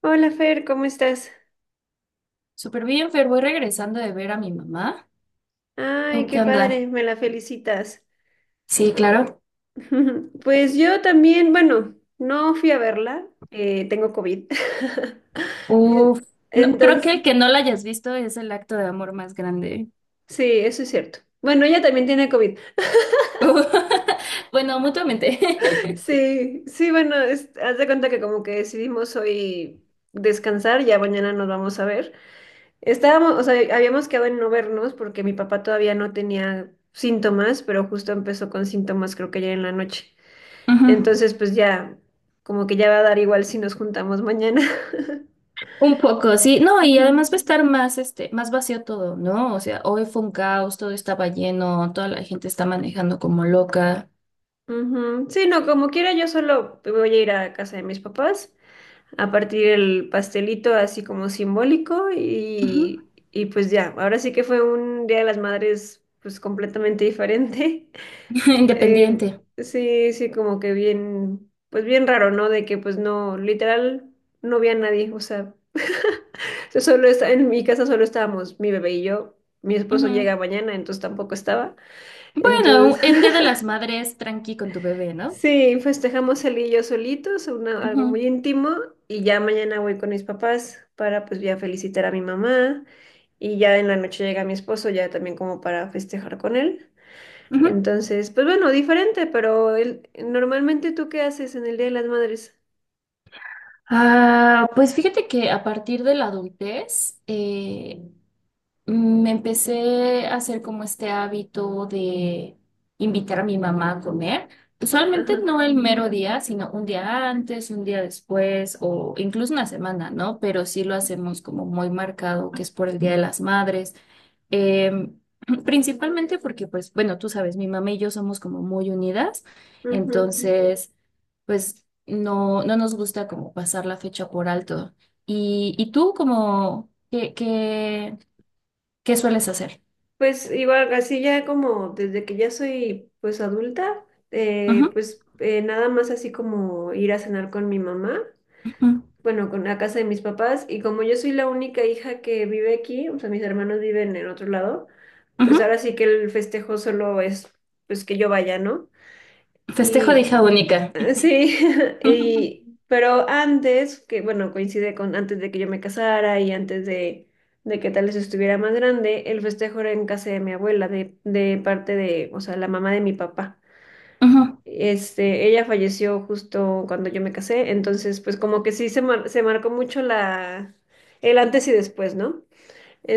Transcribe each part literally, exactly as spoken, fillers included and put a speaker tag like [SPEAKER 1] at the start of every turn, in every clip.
[SPEAKER 1] Hola Fer, ¿cómo estás?
[SPEAKER 2] Súper bien, Fer, voy regresando de ver a mi mamá.
[SPEAKER 1] Ay,
[SPEAKER 2] ¿Tú
[SPEAKER 1] qué
[SPEAKER 2] qué onda?
[SPEAKER 1] padre, me la felicitas.
[SPEAKER 2] Sí, claro.
[SPEAKER 1] Pues yo también, bueno, no fui a verla, eh, tengo COVID. En-
[SPEAKER 2] Uf, no, creo que
[SPEAKER 1] Entonces,
[SPEAKER 2] el que no la hayas visto es el acto de amor más grande.
[SPEAKER 1] sí, eso es cierto. Bueno, ella también tiene COVID.
[SPEAKER 2] Bueno, mutuamente.
[SPEAKER 1] Sí, sí, bueno, es- haz de cuenta que como que decidimos hoy descansar, ya mañana nos vamos a ver. Estábamos, o sea, habíamos quedado en no vernos porque mi papá todavía no tenía síntomas, pero justo empezó con síntomas creo que ayer en la noche.
[SPEAKER 2] Ujú.
[SPEAKER 1] Entonces, pues ya, como que ya va a dar igual si nos juntamos mañana.
[SPEAKER 2] Un poco, sí. No, y además
[SPEAKER 1] Ujú.
[SPEAKER 2] va a estar más, este, más vacío todo, ¿no? O sea, hoy fue un caos, todo estaba lleno, toda la gente está manejando como loca.
[SPEAKER 1] Ujú. Sí, no, como quiera, yo solo voy a ir a casa de mis papás a partir el pastelito así como simbólico
[SPEAKER 2] Ujú.
[SPEAKER 1] y, y pues ya, ahora sí que fue un Día de las Madres pues completamente diferente. Eh,
[SPEAKER 2] Independiente.
[SPEAKER 1] sí, sí, como que bien, pues bien raro, ¿no? De que pues no, literal, no vi a nadie, o sea, yo solo está, en mi casa solo estábamos mi bebé y yo, mi esposo
[SPEAKER 2] Ujú.
[SPEAKER 1] llega mañana, entonces tampoco estaba, entonces
[SPEAKER 2] Bueno, en Día de las Madres, tranqui con tu bebé, ¿no?
[SPEAKER 1] sí, festejamos él y yo solitos, una- algo
[SPEAKER 2] Ujú.
[SPEAKER 1] muy íntimo, y ya mañana voy con mis papás para pues ya felicitar a mi mamá, y ya en la noche llega mi esposo, ya también como para festejar con él.
[SPEAKER 2] Ujú.
[SPEAKER 1] Entonces, pues bueno, diferente, pero el- ¿normalmente tú qué haces en el Día de las Madres?
[SPEAKER 2] Ah, pues fíjate que a partir de la adultez eh, me empecé a hacer como este hábito de invitar a mi mamá a comer. Usualmente
[SPEAKER 1] Ajá.
[SPEAKER 2] no el mero día, sino un día antes, un día después o incluso una semana, ¿no? Pero sí lo hacemos como muy marcado, que es por el Día de las Madres. Eh, principalmente porque, pues, bueno, tú sabes, mi mamá y yo somos como muy unidas,
[SPEAKER 1] Ujú.
[SPEAKER 2] entonces, pues, no, no nos gusta como pasar la fecha por alto. ¿Y, y tú como, qué, qué, qué sueles hacer?
[SPEAKER 1] Pues igual, así ya como desde que ya soy pues adulta, eh,
[SPEAKER 2] Ujú,
[SPEAKER 1] pues eh, nada más así como ir a cenar con mi mamá,
[SPEAKER 2] ujú,
[SPEAKER 1] bueno, con la casa de mis papás, y como yo soy la única hija que vive aquí, o sea, mis hermanos viven en otro lado, pues
[SPEAKER 2] ujú.
[SPEAKER 1] ahora sí que el festejo solo es pues que yo vaya, ¿no?
[SPEAKER 2] Festejo de
[SPEAKER 1] Y
[SPEAKER 2] hija única.
[SPEAKER 1] Eh, sí,
[SPEAKER 2] Ujú, ujú,
[SPEAKER 1] y, pero antes, que bueno, coincide con antes de que yo me casara y antes de, de que tal vez estuviera más grande, el festejo era en casa de mi abuela, de, de parte de, o sea, la mamá de mi papá.
[SPEAKER 2] ujú.
[SPEAKER 1] Este, ella falleció justo cuando yo me casé, entonces pues como que sí se, mar- se marcó mucho la, el antes y después, ¿no?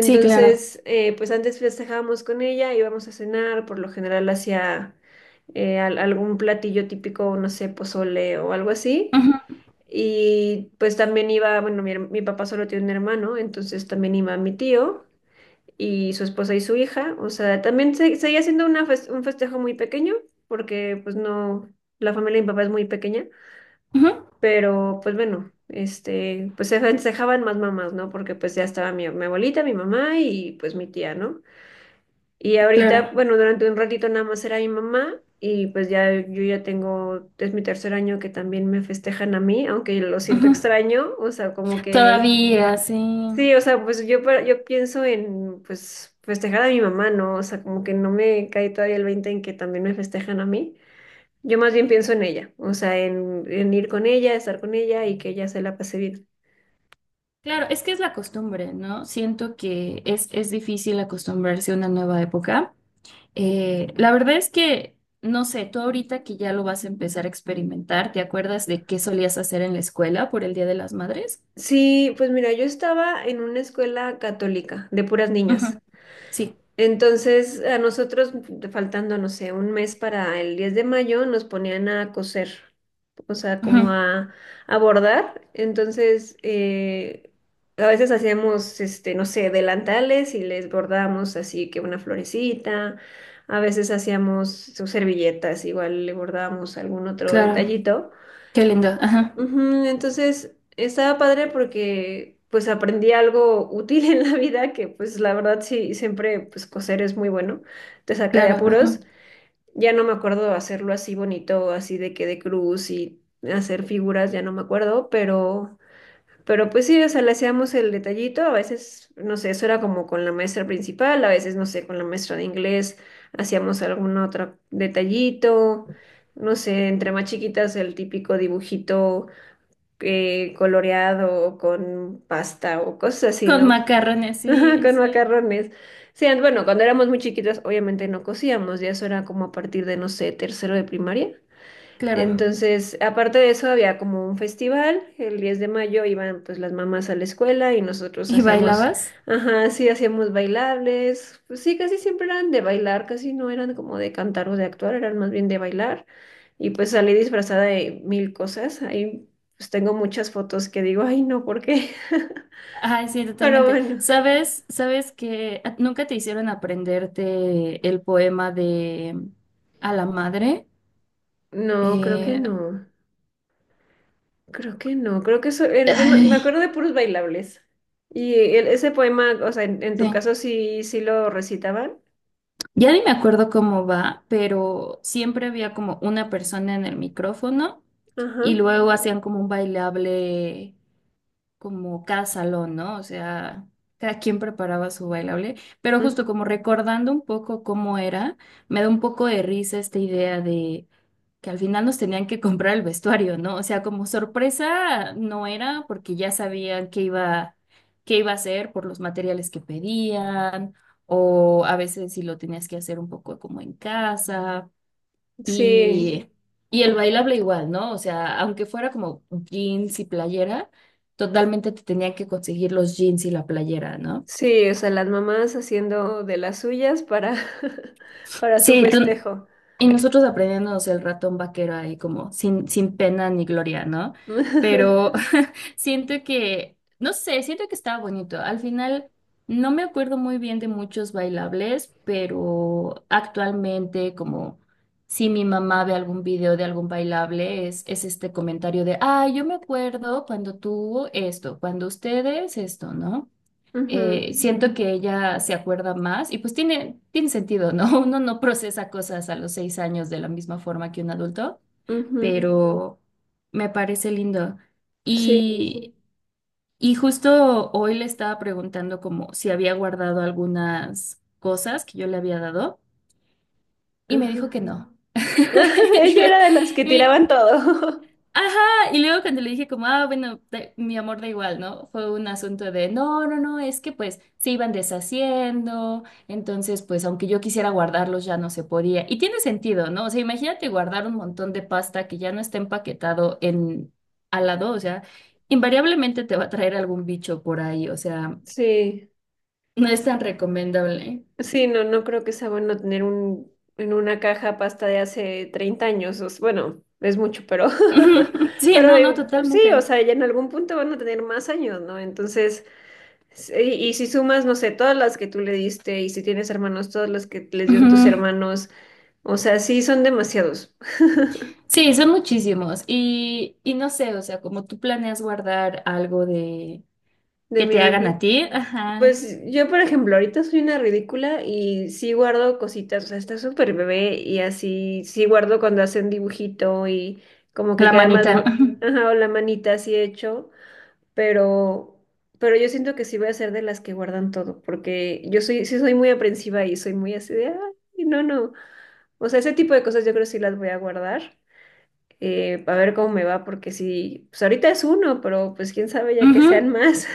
[SPEAKER 2] Sí, claro.
[SPEAKER 1] eh, pues antes festejábamos con ella, íbamos a cenar, por lo general hacia algún platillo típico, no sé, pozole o algo así.
[SPEAKER 2] Ujú,
[SPEAKER 1] Y pues también iba, bueno, mi, her- mi papá solo tiene un hermano, entonces también iba mi tío y su esposa y su hija. O sea, también se, seguía siendo una fes- un festejo muy pequeño, porque pues no, la familia de mi papá es muy pequeña.
[SPEAKER 2] ujú.
[SPEAKER 1] Pero pues bueno, este, pues se festejaban más mamás, ¿no? Porque pues ya estaba mi, mi abuelita, mi mamá y pues mi tía, ¿no? Y ahorita,
[SPEAKER 2] Claro.
[SPEAKER 1] bueno, durante un ratito nada más era mi mamá y pues ya yo ya tengo, es mi tercer año que también me festejan a mí, aunque lo siento
[SPEAKER 2] Ujú.
[SPEAKER 1] extraño, o sea, como que,
[SPEAKER 2] Todavía, sí.
[SPEAKER 1] sí, o sea, pues yo, pa- yo pienso en pues festejar a mi mamá, ¿no? O sea, como que no me cae todavía el veinte en que también me festejan a mí. Yo más bien pienso en ella, o sea, en, en ir con ella, estar con ella y que ella se la pase bien.
[SPEAKER 2] Claro, es que es la costumbre, ¿no? Siento que es, es difícil acostumbrarse a una nueva época. Eh, la verdad es que, no sé, tú ahorita que ya lo vas a empezar a experimentar, ¿te acuerdas de qué solías hacer en la escuela por el Día de las Madres?
[SPEAKER 1] Sí, pues mira, yo estaba en una escuela católica de puras
[SPEAKER 2] Ujú.
[SPEAKER 1] niñas.
[SPEAKER 2] Sí,
[SPEAKER 1] Entonces, a nosotros, faltando, no sé, un mes para el diez de mayo, nos ponían a coser. O sea, como
[SPEAKER 2] ujú,
[SPEAKER 1] a abordar. Entonces, eh, a veces hacíamos, este, no sé, delantales y les bordábamos así que una florecita. A veces hacíamos sus servilletas, igual le bordábamos algún otro
[SPEAKER 2] claro,
[SPEAKER 1] detallito.
[SPEAKER 2] qué lindo, ajá,
[SPEAKER 1] Ujú. Entonces, estaba padre porque pues aprendí algo útil en la vida que pues la verdad sí, siempre pues coser es muy bueno, te saca de
[SPEAKER 2] claro, ajá.
[SPEAKER 1] apuros. Ya no me acuerdo hacerlo así bonito, así de que de cruz y hacer figuras, ya no me acuerdo, pero, pero pues sí, o sea, le hacíamos el detallito, a veces, no sé, eso era como con la maestra principal, a veces, no sé, con la maestra de inglés hacíamos algún otro detallito, no sé, entre más chiquitas el típico dibujito eh, coloreado con pasta o cosas así,
[SPEAKER 2] Con
[SPEAKER 1] ¿no?
[SPEAKER 2] macarrones,
[SPEAKER 1] Ajá,
[SPEAKER 2] sí,
[SPEAKER 1] con
[SPEAKER 2] sí,
[SPEAKER 1] macarrones. Sí, and- bueno, cuando éramos muy chiquitas, obviamente no cocíamos, ya eso era como a partir de, no sé, tercero de primaria.
[SPEAKER 2] claro.
[SPEAKER 1] Entonces, aparte de eso, había como un festival, el diez de mayo de mayo iban pues las mamás a la escuela y nosotros
[SPEAKER 2] ¿Y
[SPEAKER 1] hacíamos,
[SPEAKER 2] bailabas?
[SPEAKER 1] ajá, sí, hacíamos bailables, pues sí, casi siempre eran de bailar, casi no eran como de cantar o de actuar, eran más bien de bailar. Y pues salí disfrazada de mil cosas, ahí pues tengo muchas fotos que digo, ay, no, ¿por qué?
[SPEAKER 2] Ay, sí,
[SPEAKER 1] Pero
[SPEAKER 2] totalmente.
[SPEAKER 1] bueno.
[SPEAKER 2] ¿Sabes, sabes que a- nunca te hicieron aprenderte el poema de mm, a la madre?
[SPEAKER 1] No, creo que
[SPEAKER 2] Eh, No.
[SPEAKER 1] no. Creo que no. Creo que eso era- yo me, me
[SPEAKER 2] Ay,
[SPEAKER 1] acuerdo de puros bailables. Y el- ese poema, o sea, en, en
[SPEAKER 2] sí.
[SPEAKER 1] tu caso sí, sí lo recitaban.
[SPEAKER 2] Ya ni me acuerdo cómo va, pero siempre había como una persona en el micrófono
[SPEAKER 1] Ajá.
[SPEAKER 2] y luego hacían como un bailable como cada salón, ¿no? O sea, cada quien preparaba su bailable, pero
[SPEAKER 1] Ujú.
[SPEAKER 2] justo como recordando un poco cómo era, me da un poco de risa esta idea de que al final nos tenían que comprar el vestuario, ¿no? O sea, como sorpresa no era porque ya sabían qué iba, qué iba a hacer por los materiales que pedían, o a veces si lo tenías que hacer un poco como en casa.
[SPEAKER 1] Sí,
[SPEAKER 2] Y, y el bailable igual, ¿no? O sea, aunque fuera como jeans y playera, totalmente te tenían que conseguir los jeans y la playera, ¿no?
[SPEAKER 1] sí, o sea, las mamás haciendo de las suyas para, para su
[SPEAKER 2] Sí, tú-
[SPEAKER 1] festejo.
[SPEAKER 2] y nosotros aprendiéndonos el ratón vaquero ahí como sin, sin pena ni gloria, ¿no? Pero siento que, no sé, siento que estaba bonito. Al final, no me acuerdo muy bien de muchos bailables, pero actualmente, como si mi mamá ve algún video de algún bailable, es, es este comentario de, ah, yo me acuerdo cuando tú esto, cuando ustedes esto, ¿no?
[SPEAKER 1] Ujú,
[SPEAKER 2] Eh, siento que ella se acuerda más y pues tiene, tiene sentido, ¿no? Uno no procesa cosas a los seis años de la misma forma que un adulto,
[SPEAKER 1] ujú.
[SPEAKER 2] pero me parece lindo.
[SPEAKER 1] Sí.
[SPEAKER 2] Y, y justo hoy le estaba preguntando como si había guardado algunas cosas que yo le había dado y me dijo que
[SPEAKER 1] Ajá.
[SPEAKER 2] no. Dijo,
[SPEAKER 1] Ella era de las que
[SPEAKER 2] y-
[SPEAKER 1] tiraban todo.
[SPEAKER 2] ajá, y luego cuando le dije como, ah, bueno, da- mi amor da igual, ¿no? Fue un asunto de, no, no, no, es que pues se iban deshaciendo, entonces pues aunque yo quisiera guardarlos ya no se podía. Y tiene sentido, ¿no? O sea, imagínate guardar un montón de pasta que ya no está empaquetado en al lado, o sea, invariablemente te va a traer algún bicho por ahí, o sea...
[SPEAKER 1] Sí.
[SPEAKER 2] No es tan recomendable.
[SPEAKER 1] Sí, no, no creo que sea bueno tener un, en una caja pasta de hace treinta años. o s- bueno, es mucho, pero,
[SPEAKER 2] Ujú. Sí,
[SPEAKER 1] pero
[SPEAKER 2] no, no,
[SPEAKER 1] digo, pues sí, o
[SPEAKER 2] totalmente.
[SPEAKER 1] sea, ya en algún punto van a tener más años, ¿no? Entonces, s- y, y si sumas, no sé, todas las que tú le diste y si tienes hermanos, todas las que les dieron tus
[SPEAKER 2] Ujú.
[SPEAKER 1] hermanos, o sea, sí, son demasiados
[SPEAKER 2] Sí, son muchísimos. Y, y no sé, o sea, como tú planeas guardar algo de
[SPEAKER 1] de
[SPEAKER 2] que
[SPEAKER 1] mi
[SPEAKER 2] te hagan a
[SPEAKER 1] bebé.
[SPEAKER 2] ti, ajá,
[SPEAKER 1] Pues yo, por ejemplo, ahorita soy una ridícula y sí guardo cositas, o sea, está súper bebé y así, sí guardo cuando hacen dibujito y como que
[SPEAKER 2] la
[SPEAKER 1] queda más,
[SPEAKER 2] manita.
[SPEAKER 1] bo-
[SPEAKER 2] Ujú.
[SPEAKER 1] ajá, o la manita así hecho, pero, pero yo siento que sí voy a ser de las que guardan todo, porque yo soy, sí soy muy aprensiva y soy muy así de, ay, no, no, o sea, ese tipo de cosas yo creo que sí las voy a guardar, eh, a ver cómo me va, porque sí, pues ahorita es uno, pero pues quién sabe ya que
[SPEAKER 2] Ujú.
[SPEAKER 1] sean más,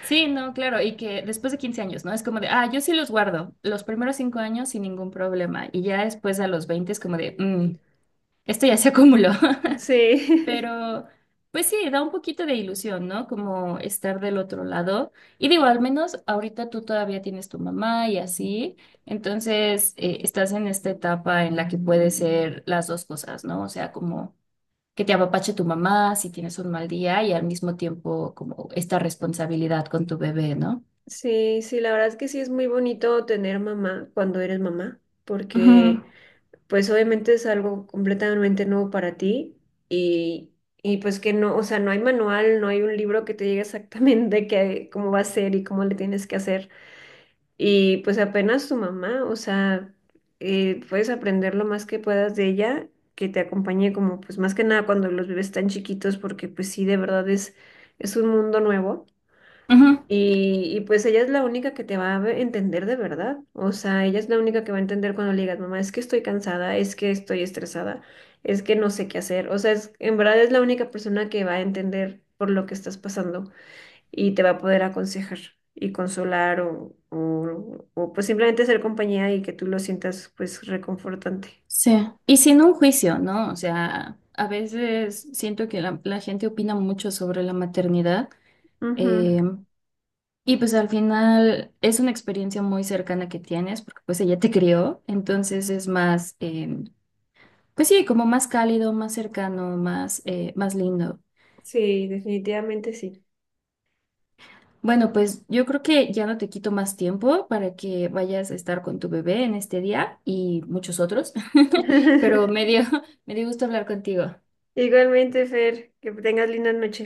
[SPEAKER 2] Sí, no, claro, y que después de quince años, ¿no? Es como de, ah, yo sí los guardo los primeros cinco años sin ningún problema. Y ya después a los veinte es como de, mm, esto ya se acumuló.
[SPEAKER 1] sí.
[SPEAKER 2] Pero, pues sí, da un poquito de ilusión, ¿no? Como estar del otro lado. Y digo, al menos ahorita tú todavía tienes tu mamá y así. Entonces, eh, estás en esta etapa en la que puede ser las dos cosas, ¿no? O sea, como que te apapache tu mamá si tienes un mal día y al mismo tiempo como esta responsabilidad con tu bebé, ¿no?
[SPEAKER 1] Sí, sí, la verdad es que sí es muy bonito tener mamá cuando eres mamá,
[SPEAKER 2] Ujú,
[SPEAKER 1] porque pues obviamente es algo completamente nuevo para ti y, y pues que no, o sea, no hay manual, no hay un libro que te diga exactamente qué, cómo va a ser y cómo le tienes que hacer. Y pues apenas tu mamá, o sea, eh, puedes aprender lo más que puedas de ella, que te acompañe como pues más que nada cuando los bebés tan chiquitos, porque pues sí, de verdad es, es un mundo nuevo.
[SPEAKER 2] ujú.
[SPEAKER 1] Y, y pues ella es la única que te va a ve- entender de verdad. O sea, ella es la única que va a entender cuando le digas, mamá, es que estoy cansada, es que estoy estresada, es que no sé qué hacer. O sea, es- en verdad es la única persona que va a entender por lo que estás pasando y te va a poder aconsejar y consolar o, o, o, pues simplemente ser compañía y que tú lo sientas pues reconfortante.
[SPEAKER 2] Sí. Y sin un juicio, ¿no? O sea, a veces siento que la, la gente opina mucho sobre la maternidad,
[SPEAKER 1] Ujú.
[SPEAKER 2] em, y pues al final es una experiencia muy cercana que tienes, porque pues ella te crió, entonces es más, em, pues sí, como más cálido, más cercano, más, eh, más lindo.
[SPEAKER 1] Sí, definitivamente sí.
[SPEAKER 2] Bueno, pues yo creo que ya no te quito más tiempo para que vayas a estar con tu bebé en este día y muchos otros, pero me dio, me dio gusto hablar contigo.
[SPEAKER 1] Igualmente, Fer, que tengas linda noche.